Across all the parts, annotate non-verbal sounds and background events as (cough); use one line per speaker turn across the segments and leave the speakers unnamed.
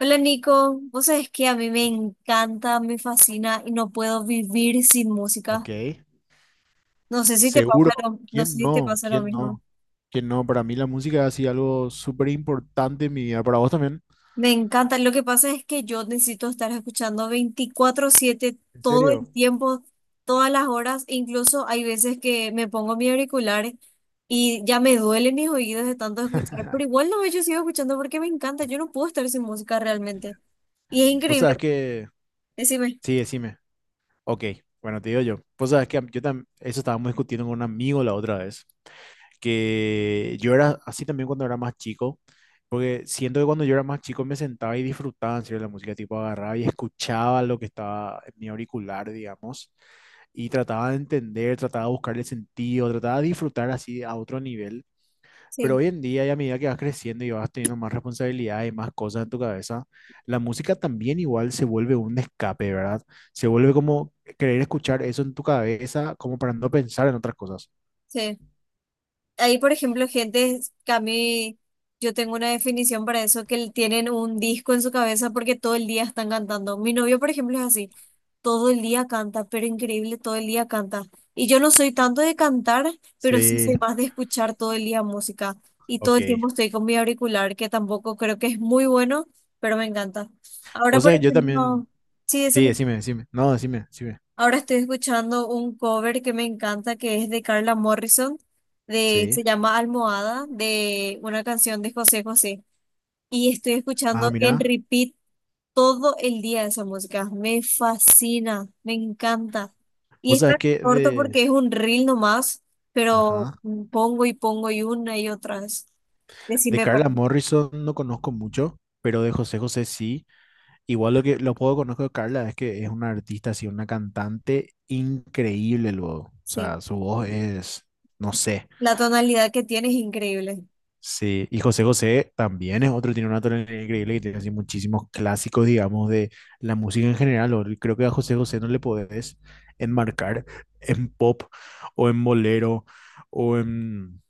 Hola Nico, vos sabés que a mí me encanta, me fascina y no puedo vivir sin
Ok,
música.
seguro.
No sé
¿Quién
si te
no?
pasa lo
¿Quién
mismo.
no? ¿Quién no? Para mí la música ha sido algo súper importante en mi vida. Para vos también.
Me encanta, lo que pasa es que yo necesito estar escuchando 24/7
¿En
todo el
serio?
tiempo, todas las horas, incluso hay veces que me pongo mi auricular y ya me duelen mis oídos de tanto escuchar, pero igual no, yo sigo escuchando porque me encanta, yo no puedo estar sin música realmente. Y es
Vos
increíble,
sabés que...
decime,
Sí, decime. Ok, bueno, te digo yo. Vos sabés que yo también... Eso estábamos discutiendo con un amigo la otra vez. Que yo era así también cuando era más chico. Porque siento que cuando yo era más chico me sentaba y disfrutaba en serio de la música. Tipo agarraba y escuchaba lo que estaba en mi auricular, digamos. Y trataba de entender, trataba de buscarle sentido, trataba de disfrutar así a otro nivel. Pero
sí,
hoy en día, y a medida que vas creciendo y vas teniendo más responsabilidad y más cosas en tu cabeza, la música también igual se vuelve un escape, ¿verdad? Se vuelve como querer escuchar eso en tu cabeza, como para no pensar en otras cosas.
sí. Hay, por ejemplo, gente que a mí, yo tengo una definición para eso, tienen un disco en su cabeza porque todo el día están cantando. Mi novio, por ejemplo, es así, todo el día canta, pero increíble, todo el día canta. Y yo no soy tanto de cantar, pero sí
Sí,
soy más de escuchar todo el día música. Y todo
ok.
el tiempo estoy con mi auricular, que tampoco creo que es muy bueno, pero me encanta. Ahora,
O
por
sea, yo también,
ejemplo, sí,
sí, decime, decime. No, decime, decime.
ahora estoy escuchando un cover que me encanta, que es de Carla Morrison, de,
Sí.
se llama Almohada, de una canción de José José. Y estoy
Ah,
escuchando en
mira.
repeat todo el día esa música. Me fascina, me encanta. Y
O sea,
está corto porque es un reel nomás, pero
ajá,
pongo y pongo y una y otra vez.
de
Decime,
Carla
perdón.
Morrison no conozco mucho, pero de José José sí. Igual lo que lo poco que conozco de Carla es que es una artista, así, una cantante increíble luego. O
Sí,
sea, su voz es, no sé.
la tonalidad que tiene es increíble.
Sí, y José José también es otro, tiene una tonalidad increíble y tiene así muchísimos clásicos, digamos, de la música en general. Creo que a José José no le podés enmarcar en pop o en bolero o en,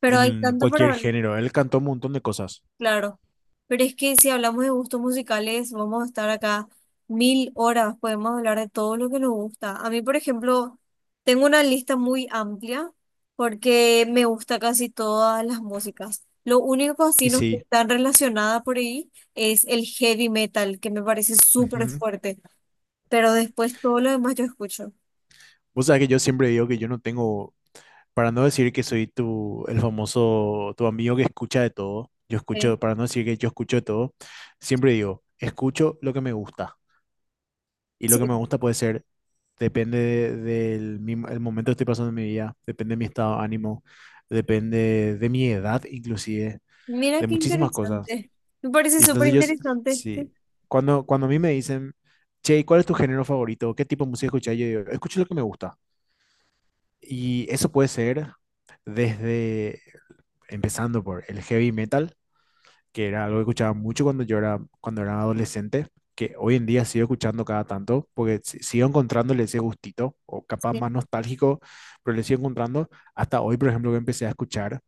Pero hay
en
tanto para
cualquier
ver,
género. Él cantó un montón de cosas.
claro. Pero es que si hablamos de gustos musicales, vamos a estar acá mil horas, podemos hablar de todo lo que nos gusta. A mí, por ejemplo, tengo una lista muy amplia porque me gusta casi todas las músicas. Lo único que así
Y
no
sí.
está relacionada por ahí es el heavy metal, que me parece súper
Ujú.
fuerte, pero después todo lo demás yo escucho.
Vos sabés que yo siempre digo que yo no tengo. Para no decir que soy tu, el famoso, tu amigo que escucha de todo, yo
Sí.
escucho, para no decir que yo escucho de todo, siempre digo, escucho lo que me gusta. Y lo que
Sí.
me gusta puede ser, depende del el momento que estoy pasando en mi vida, depende de mi estado de ánimo, depende de mi edad inclusive,
Mira
de
qué
muchísimas cosas.
interesante. Me parece
Y
súper
entonces
interesante. Sí.
sí, cuando a mí me dicen, che, ¿cuál es tu género favorito? ¿Qué tipo de música escuchas? Yo digo, escucho lo que me gusta. Y eso puede ser desde, empezando por el heavy metal, que era algo que escuchaba mucho cuando era adolescente, que hoy en día sigo escuchando cada tanto, porque sigo encontrándole ese gustito, o capaz
Sí.
más nostálgico, pero le sigo encontrando. Hasta hoy, por ejemplo, que empecé a escuchar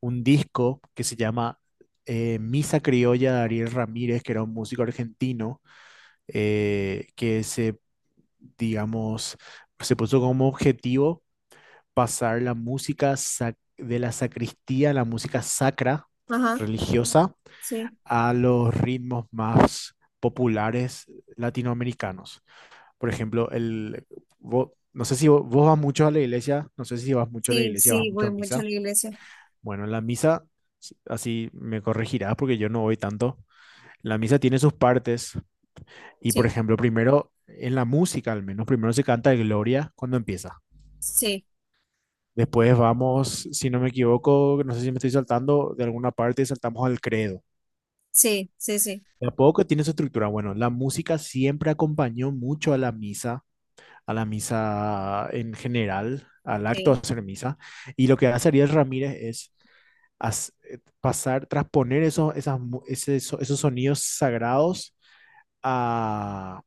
un disco que se llama Misa Criolla de Ariel Ramírez, que era un músico argentino, eh, que se, digamos, se puso como objetivo pasar la música de la sacristía, la música sacra,
Ajá,
religiosa,
sí.
a los ritmos más populares latinoamericanos. Por ejemplo, el, vo- no sé si vo- vos, vas mucho a la iglesia, no sé si vas mucho a la
Sí,
iglesia, vas
sí,
mucho
voy
a
mucho a
misa.
la iglesia.
Bueno, la misa, así me corregirás porque yo no voy tanto. La misa tiene sus partes y, por
Sí.
ejemplo, primero, en la música al menos, primero se canta el Gloria cuando empieza.
Sí,
Después vamos, si no me equivoco, no sé si me estoy saltando de alguna parte, saltamos al credo.
sí, sí, sí,
De a poco tiene su estructura. Bueno, la música siempre acompañó mucho a la misa en general, al acto de
sí.
hacer misa. Y lo que hace Ariel Ramírez es as- pasar, transponer esos, esas mu- ese- eso- esos sonidos sagrados a,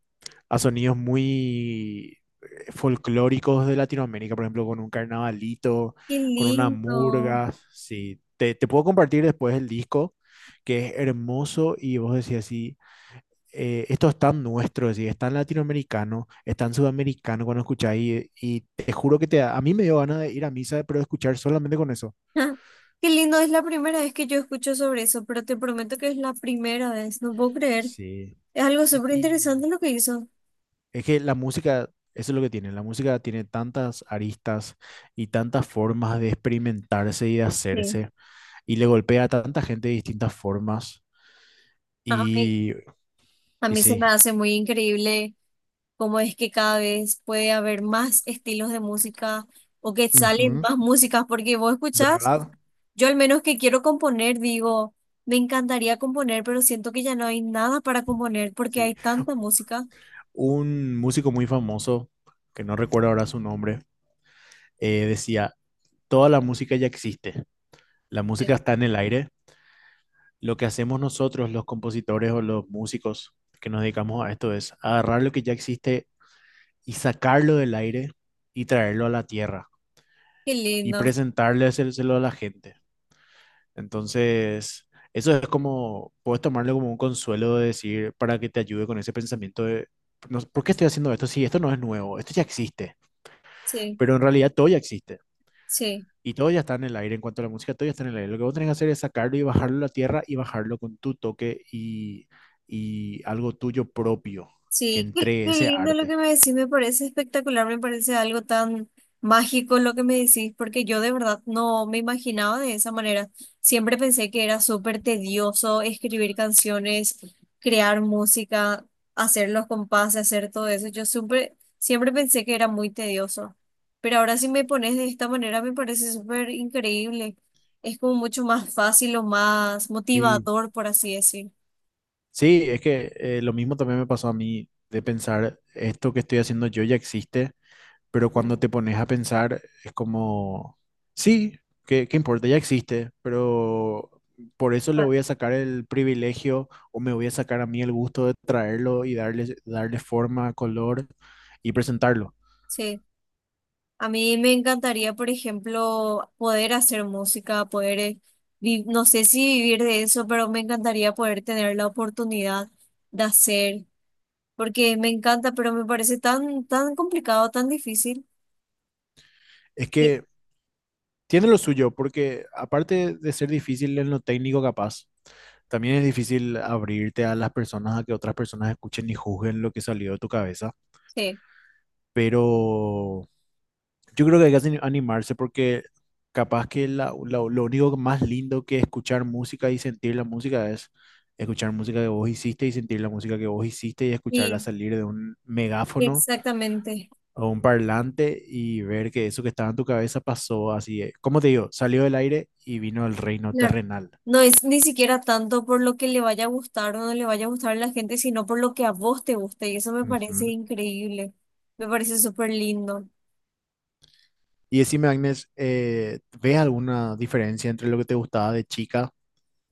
a sonidos muy folclóricos de Latinoamérica, por ejemplo, con un carnavalito,
Qué
con una
lindo. (laughs)
murga. Sí, te puedo compartir después el disco, que es hermoso y vos decís así, esto es tan nuestro, es decir, es tan latinoamericano, es tan sudamericano cuando escucháis y te juro que a mí me dio ganas de ir a misa, pero de escuchar solamente con eso.
Ah, qué lindo, es la primera vez que yo escucho sobre eso, pero te prometo que es la primera vez, no puedo creer.
Sí.
Es algo súper
Y
interesante lo que hizo.
es que la música, eso es lo que tiene, la música tiene tantas aristas y tantas formas de experimentarse y de
Sí.
hacerse, y le golpea a tanta gente de distintas formas,
A mí,
y,
a
y
mí se me
sí.
hace muy increíble cómo es que cada vez puede haber más estilos de música o que salen
Ujú.
más músicas, porque vos escuchás,
¿Verdad?
yo al menos que quiero componer, digo, me encantaría componer, pero siento que ya no hay nada para componer porque
Sí.
hay tanta música.
Un músico muy famoso, que no recuerdo ahora su nombre, decía, toda la música ya existe, la música está en el aire, lo que hacemos nosotros, los compositores o los músicos que nos dedicamos a esto, es agarrar lo que ya existe y sacarlo del aire y traerlo a la tierra
Qué
y
lindo,
presentarle hacérselo a la gente. Entonces, eso es como, puedes tomarlo como un consuelo de decir, para que te ayude con ese pensamiento de, no, ¿por qué estoy haciendo esto? Sí, esto no es nuevo, esto ya existe,
sí,
pero en realidad todo ya existe.
sí,
Y todo ya está en el aire, en cuanto a la música, todo ya está en el aire. Lo que vos tenés que hacer es sacarlo y bajarlo a la tierra y bajarlo con tu toque y algo tuyo propio que
sí, qué,
entre
qué
ese
lindo lo que
arte.
me decís, me parece espectacular, me parece algo tan mágico lo que me decís, porque yo de verdad no me imaginaba de esa manera. Siempre pensé que era súper tedioso escribir canciones, crear música, hacer los compases, hacer todo eso. Yo siempre pensé que era muy tedioso, pero ahora si me pones de esta manera me parece súper increíble. Es como mucho más fácil o más
Sí,
motivador, por así decir.
sí, es que lo mismo también me pasó a mí de pensar, esto que estoy haciendo yo ya existe, pero cuando te pones a pensar es como, sí, ¿qué importa? Ya existe, pero por eso le
Ah,
voy a sacar el privilegio o me voy a sacar a mí el gusto de traerlo y darle forma, color y presentarlo.
sí. A mí me encantaría, por ejemplo, poder hacer música, poder, no sé si vivir de eso, pero me encantaría poder tener la oportunidad de hacer, porque me encanta, pero me parece tan complicado, tan difícil.
Es
Y-
que tiene lo suyo, porque aparte de ser difícil en lo técnico capaz, también es difícil abrirte a las personas, a que otras personas escuchen y juzguen lo que salió de tu cabeza.
Sí,
Pero yo creo que hay que animarse porque capaz que lo único más lindo que escuchar música y sentir la música es escuchar música que vos hiciste y sentir la música que vos hiciste y escucharla
sí,
salir de un megáfono
exactamente.
a un parlante y ver que eso que estaba en tu cabeza pasó así, ¿cómo te digo? Salió del aire y vino al reino
Claro.
terrenal.
No es ni siquiera tanto por lo que le vaya a gustar o no le vaya a gustar a la gente, sino por lo que a vos te guste, y eso me parece
Ujú.
increíble, me parece súper lindo.
Y decime, Agnes, ¿ves alguna diferencia entre lo que te gustaba de chica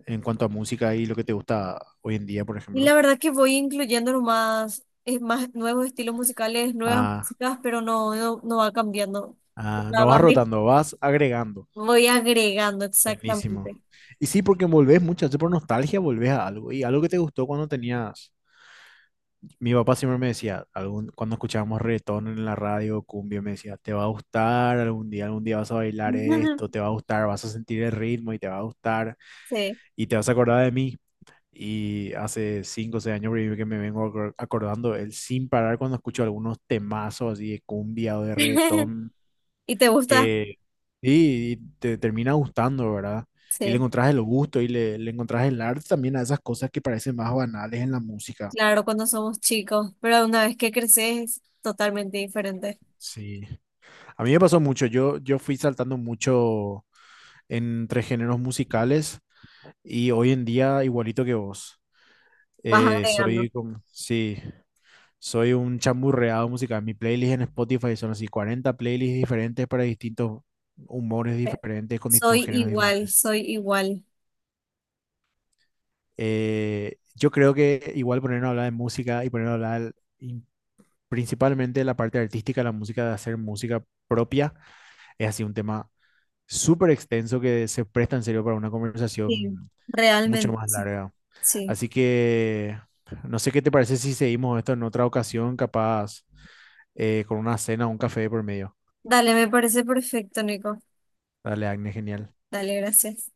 en cuanto a música y lo que te gusta hoy en día, por
Y la
ejemplo?
verdad que voy incluyendo nomás es más nuevos estilos musicales, nuevas
Ah,
músicas, pero no, no, no va cambiando. O
ah,
sea,
no vas rotando, vas agregando.
voy agregando exactamente.
Buenísimo. Y sí, porque volvés muchas veces por nostalgia, volvés a algo. Y algo que te gustó cuando tenías. Mi papá siempre me decía, algún, cuando escuchábamos reggaetón en la radio, cumbia, me decía, te va a gustar algún día vas a bailar esto, te va
(laughs)
a gustar, vas a sentir el ritmo y te va a gustar
Sí.
y te vas a acordar de mí. Y hace 5 o 6 años que me vengo acordando, él sin parar cuando escucho algunos temazos así de cumbia o de
(laughs)
reggaetón,
¿Y te gusta?
que sí, y te termina gustando, ¿verdad? Y le
Sí,
encontrás el gusto le encontrás el arte también a esas cosas que parecen más banales en la música.
claro, cuando somos chicos, pero una vez que creces es totalmente diferente.
Sí. A mí me pasó mucho, yo fui saltando mucho entre géneros musicales y hoy en día igualito que vos.
Vas agregando.
Soy como, sí, soy un chamburreado musical. Mi playlist en Spotify son así 40 playlists diferentes para distintos humores
Sí.
diferentes, con distintos
Soy
géneros
igual,
diferentes.
soy igual.
Yo creo que igual ponernos a hablar de música y ponernos a hablar y principalmente de la parte artística, la música, de hacer música propia, es así un tema súper extenso que se presta en serio para una
Sí,
conversación mucho
realmente,
más
sí.
larga.
Sí.
Así que no sé qué te parece si seguimos esto en otra ocasión, capaz con una cena o un café por medio.
Dale, me parece perfecto, Nico.
Dale, Agnes, genial.
Dale, gracias.